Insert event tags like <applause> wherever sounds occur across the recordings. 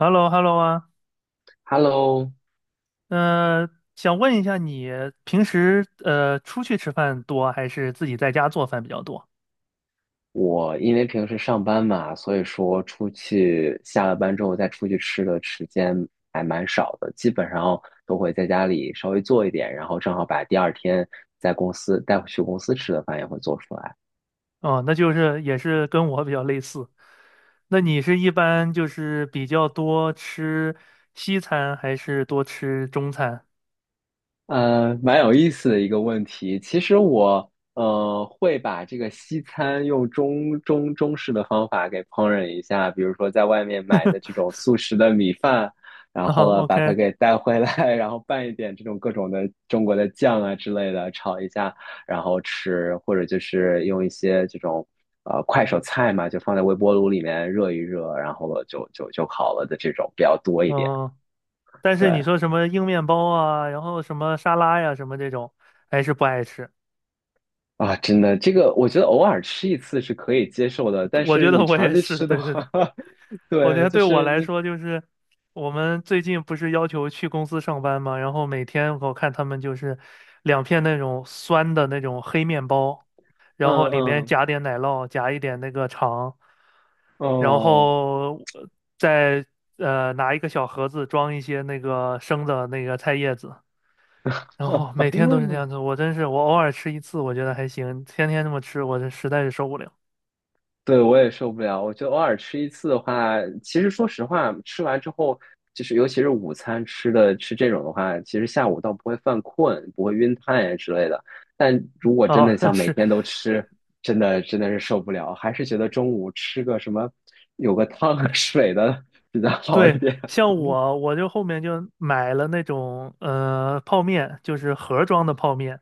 h e l l o h e l l o 啊，Hello，呃，想问一下你平时出去吃饭多还是自己在家做饭比较多？我因为平时上班嘛，所以说出去下了班之后再出去吃的时间还蛮少的，基本上都会在家里稍微做一点，然后正好把第二天在公司带回去公司吃的饭也会做出来。哦，那就是也是跟我比较类似。那你是一般就是比较多吃西餐还是多吃中餐？蛮有意思的一个问题。其实我会把这个西餐用中式的方法给烹饪一下，比如说在外面买的这种速食的米饭，然啊后呢把它，OK,给带回来，<laughs> 然后拌一点这种各种的中国的酱啊之类的炒一下，然后吃，或者就是用一些这种快手菜嘛，就放在微波炉里面热一热，然后就好了的这种比较多一点。嗯，但是你对。说什么硬面包啊，然后什么沙拉呀，什么这种，还是不爱吃。啊，真的，这个我觉得偶尔吃一次是可以接受的，但我是觉得你我长也期是，吃的对对对。话，<laughs> 我觉对，得就对我是来你，说，就是我们最近不是要求去公司上班嘛，然后每天我看他们就是两片那种酸的那种黑面包，嗯然后里面嗯，夹点奶酪，夹一点那个肠，然哦，后再拿一个小盒子装一些那个生的那个菜叶子，然后每天都是这 <laughs> 样子。我真是我偶尔吃一次，我觉得还行，天天这么吃，我这实在是受不了对，我也受不了。我觉得偶尔吃一次的话，其实说实话，吃完之后，就是尤其是午餐吃这种的话，其实下午倒不会犯困，不会晕碳呀之类的。但如果真的啊！<laughs> 像每是天都吃，真的真的是受不了，还是觉得中午吃个什么，有个汤和水的 <laughs> 比较好一对，点。像 <laughs> 我，我就后面就买了那种泡面，就是盒装的泡面，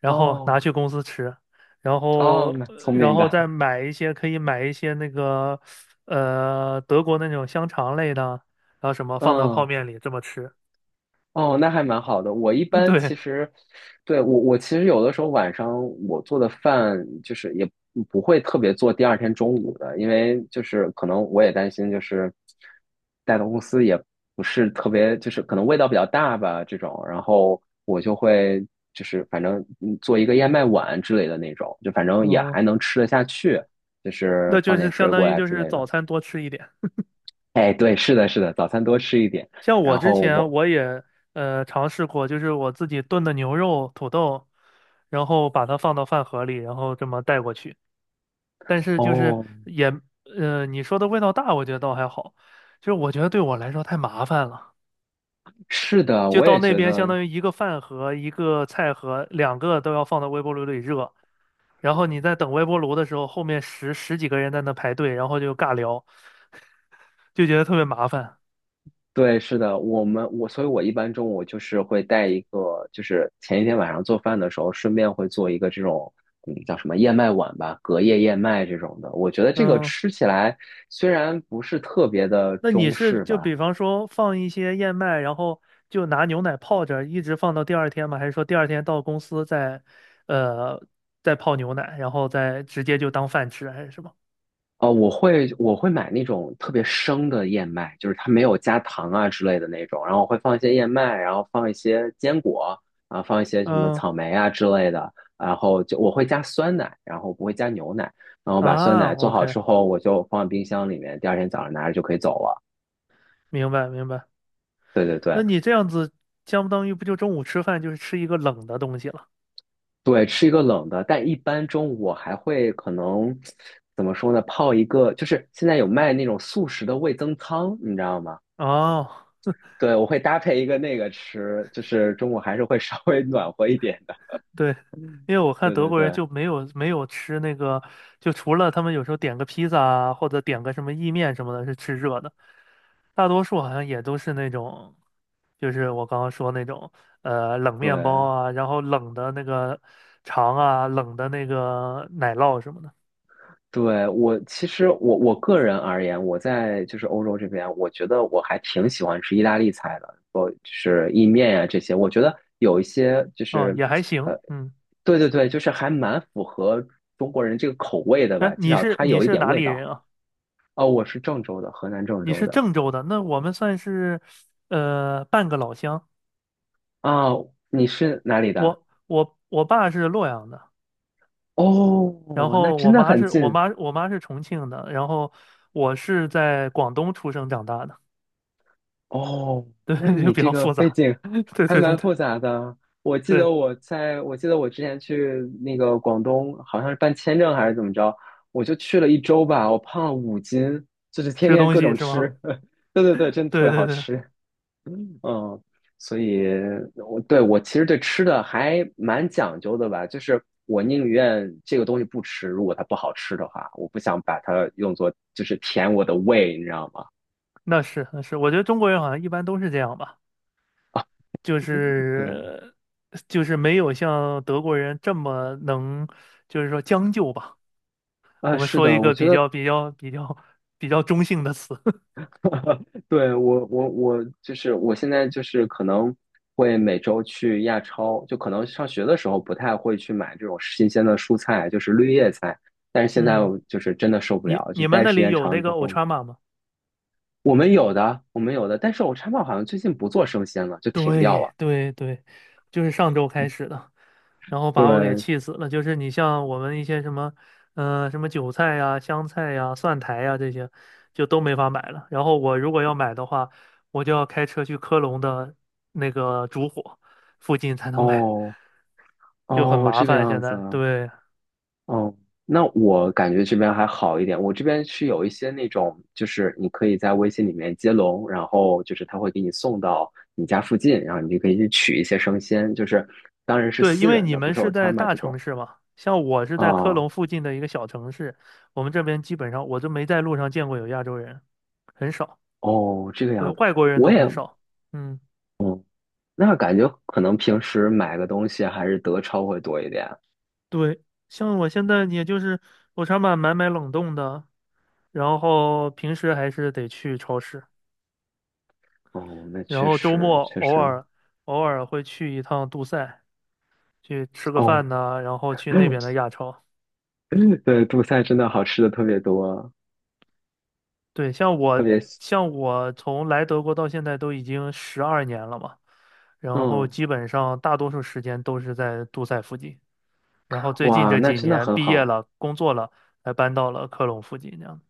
然后拿哦去公司吃，然后哦，蛮聪明再的，买一些可以买一些那个德国那种香肠类的，然后什么放到泡嗯。面里这么吃。哦，那还蛮好的。我一 <laughs> 般对，其实，对，我其实有的时候晚上我做的饭就是也不会特别做第二天中午的，因为就是可能我也担心就是带到公司也不是特别，就是可能味道比较大吧这种，然后我就会就是反正做一个燕麦碗之类的那种，就反正也还哦，能吃得下去，就是那就放是点相水当果于呀就之是类的。早餐多吃一点。哎，对，是的，是的，早餐多吃一点，像我然之后前我。我也尝试过，就是我自己炖的牛肉、土豆，然后把它放到饭盒里，然后这么带过去。但是就是哦，也你说的味道大，我觉得倒还好，就是我觉得对我来说太麻烦了。是的，就我到也那觉边，相得，当于一个饭盒、一个菜盒，两个都要放到微波炉里热。然后你在等微波炉的时候，后面十几个人在那排队，然后就尬聊，就觉得特别麻烦。对，是的，我们我，所以我一般中午就是会带一个，就是前一天晚上做饭的时候，顺便会做一个这种，嗯，叫什么燕麦碗吧，隔夜燕麦这种的。我觉得这个嗯，吃起来虽然不是特别的那你中是式就吧，比方说放一些燕麦，然后就拿牛奶泡着，一直放到第二天吗？还是说第二天到公司呃再泡牛奶，然后再直接就当饭吃，还是什么？哦，我会买那种特别生的燕麦，就是它没有加糖啊之类的那种，然后我会放一些燕麦，然后放一些坚果，啊，放一些什么嗯草莓啊之类的，然后就我会加酸奶，然后不会加牛奶，然后把酸啊奶做好，OK，之后，我就放在冰箱里面，第二天早上拿着就可以走了。明白明白。对对那对你这样子，相当于不就中午吃饭就是吃一个冷的东西了？对，吃一个冷的，但一般中午我还会可能怎么说呢，泡一个，就是现在有卖那种速食的味增汤，你知道吗？哦，对，我会搭配一个那个吃，就是中午还是会 <laughs> 稍微暖和一点的。对，嗯因为我看对德对国人对就没有吃那个，就除了他们有时候点个披萨啊，或者点个什么意面什么的，是吃热的，大多数好像也都是那种，就是我刚刚说那种，冷面包对啊，然后冷的那个肠啊，冷的那个奶酪什么的。对，我个人而言，我在就是欧洲这边，我觉得我还挺喜欢吃意大利菜的，我就是意面呀、这些，我觉得有一些就哦，是也还呃，行，嗯。对对对，就是还蛮符合中国人这个口味的哎，吧，至你少是它你有一是点哪味里道。人啊？哦，我是郑州的，河南郑你州是的。郑州的，那我们算是半个老乡。啊，你是哪里的？我爸是洛阳的，然哦，那后我真的妈很是我近。妈我妈是重庆的，然后我是在广东出生长大的，哦，对，那 <laughs> 就你比这较个复背杂。景 <laughs> 对对还对蛮对复杂的。我记对，得我在，我记得我之前去那个广东，好像是办签证还是怎么着，我就去了一周吧，我胖了5斤，就是天吃天东各西种是吗？吃。<laughs> 对对对，真的特对别对好对，吃。<laughs> 嗯，所以我对其实对吃的还蛮讲究的吧，就是我宁愿这个东西不吃，如果它不好吃的话，我不想把它用作就是填我的胃，你知道吗？那是那是，我觉得中国人好像一般都是这样吧，就对，是就是没有像德国人这么能，就是说将就吧。我啊，们是说一的，我个觉比较得 比较比较比较中性的词。<laughs> 对，我就是我现在就是可能会每周去亚超，就可能上学的时候不太会去买这种新鲜的蔬菜，就是绿叶菜，但是现在嗯，我就是真的受不你了，就你们待那时里间有长那了个 之后，Ultraman 吗？我们有的，但是我超到好像最近不做生鲜了，就停掉对了。对对，就是上周开始的，然后把我给对，气死了。就是你像我们一些什么，什么韭菜呀、香菜呀、蒜苔呀这些，就都没法买了。然后我如果要买的话，我就要开车去科隆的那个烛火附近才能买，哦就很哦，麻这个烦。现样子在啊，对，哦，那我感觉这边还好一点。我这边是有一些那种，就是你可以在微信里面接龙，然后就是他会给你送到你家附近，然后你就可以去取一些生鲜，就是当然是对，因私为人你的，不们是是有在餐嘛大这城种。市嘛，像我是在科啊，隆附近的一个小城市，我们这边基本上我就没在路上见过有亚洲人，很少，哦，这个对，样子，外国人我都很也少。嗯，那感觉可能平时买个东西还是德超会多一点。对，像我现在也就是我常买冷冻的，然后平时还是得去超市，哦，那然确后周实末确偶实，尔偶尔会去一趟杜塞，去吃个哦，饭呐、然后去那 <laughs> 边的亚超。对，杜塞真的好吃的特别多，对，像特我，别，像我从来德国到现在都已经12年了嘛，然后嗯，基本上大多数时间都是在杜塞附近，然后最近哇，这那几真的年很毕业好。了，工作了，才搬到了科隆附近这样。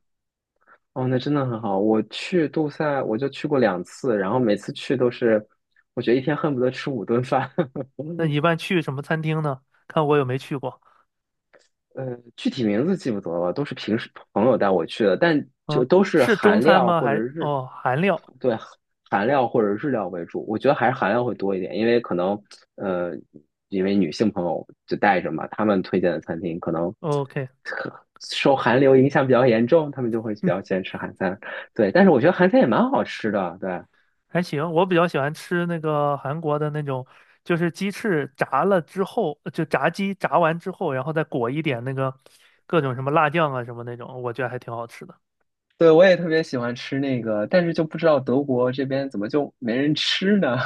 哦，那真的很好。我去杜塞，我就去过两次，然后每次去都是，我觉得一天恨不得吃五顿饭。那你一 <laughs> 般去什么餐厅呢？看我有没去过。具体名字记不得了，都是平时朋友带我去的，但就嗯，都是是中韩餐料吗？或者还，日，哦，韩料。对，韩料或者日料为主。我觉得还是韩料会多一点，因为可能呃，因为女性朋友就带着嘛，他们推荐的餐厅可能 o k 受韩流影响比较严重，他们就会比较喜欢吃韩餐。对，但是我觉得韩餐也蛮好吃的，对。还行，我比较喜欢吃那个韩国的那种，就是鸡翅炸了之后，就炸鸡炸完之后，然后再裹一点那个各种什么辣酱啊什么那种，我觉得还挺好吃的。对，我也特别喜欢吃那个，但是就不知道德国这边怎么就没人吃呢？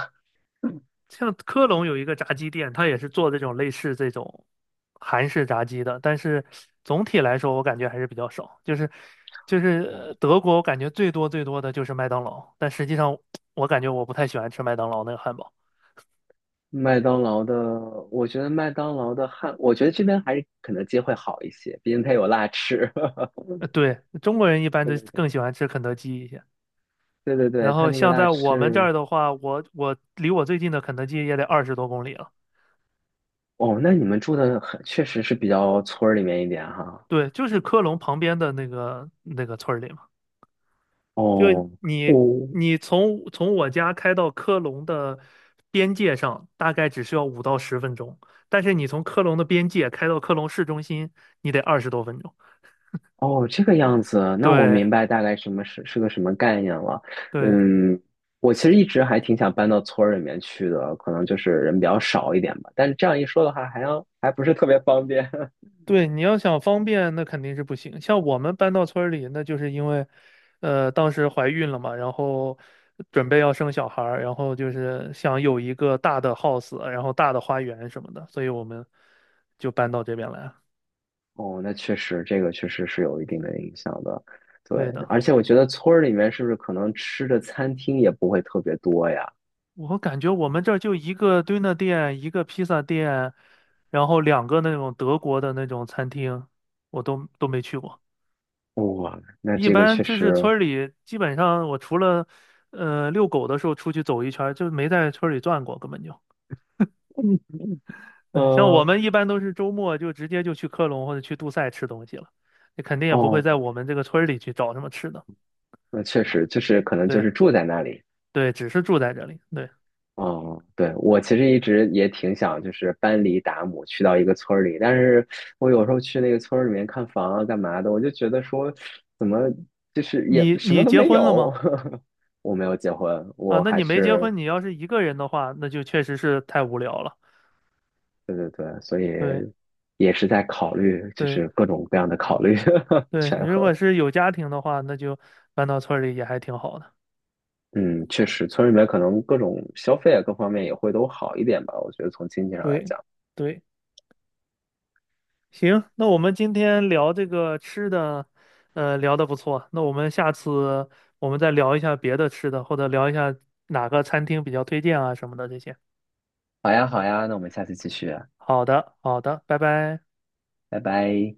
像科隆有一个炸鸡店，它也是做这种类似这种韩式炸鸡的，但是总体来说我感觉还是比较少。就是嗯 <laughs> 德国，我感觉最多最多的就是麦当劳，但实际上我感觉我不太喜欢吃麦当劳那个汉堡。麦当劳的，我觉得麦当劳的汉，我觉得这边还是肯德基会好一些，毕竟它有辣翅。<laughs> 对，中国人一般对都对对更喜欢吃肯德基一些。对对对，然它后那个像辣在我们这翅，儿的话，我离我最近的肯德基也得20多公里了。哦，那你们住的很，确实是比较村儿里面一点哈。对，就是科隆旁边的那个村儿里嘛。就哦，你我你从我家开到科隆的边界上，大概只需要5到10分钟，但是你从科隆的边界开到科隆市中心，你得20多分钟。哦，这个样子，那我对明白大概什么是是个什么概念了。对，嗯，我其实一直还挺想搬到村儿里面去的，可能就是人比较少一点吧。但是这样一说的话，还不是特别方便。<laughs> 对，你要想方便，那肯定是不行。像我们搬到村儿里，那就是因为，当时怀孕了嘛，然后准备要生小孩儿，然后就是想有一个大的 house，然后大的花园什么的，所以我们就搬到这边来了。哦，那确实，这个确实是有一定的影响的。对，对的，而且我觉得村儿里面是不是可能吃的餐厅也不会特别多呀？我感觉我们这儿就一个 d ö n e 店，一个披萨店，然后两个那种德国的那种餐厅，我都没去过。哇，那一这个般确就是实，村儿里，基本上我除了遛狗的时候出去走一圈儿就没在村儿里转过，根本就。嗯，对，像我呃，们一般都是周末就直接就去科隆或者去杜塞吃东西了，你肯定也不会在哦，我们这个村儿里去找什么吃的。那确实就是可能就对是住在那里。对，只是住在这里。对，哦，对，我其实一直也挺想，就是搬离达姆，去到一个村儿里。但是我有时候去那个村儿里面看房啊、干嘛的，我就觉得说，怎么就是也你什你么都结没婚了吗？有。<laughs> 我没有结婚，啊，我那还你没结是婚，你要是一个人的话，那就确实是太无聊了。对对对，所以对也是在考虑，就对是各种各样的考虑 <laughs> 对，你权如果衡。是有家庭的话，那就搬到村儿里也还挺好的。嗯，确实，村里面可能各种消费啊，各方面也会都好一点吧。我觉得从经济上来对讲，对。行，那我们今天聊这个吃的，聊的不错。那我们下次再聊一下别的吃的，或者聊一下哪个餐厅比较推荐啊什么的这些。好呀，好呀，那我们下次继续啊，好的，好的，拜拜。拜拜。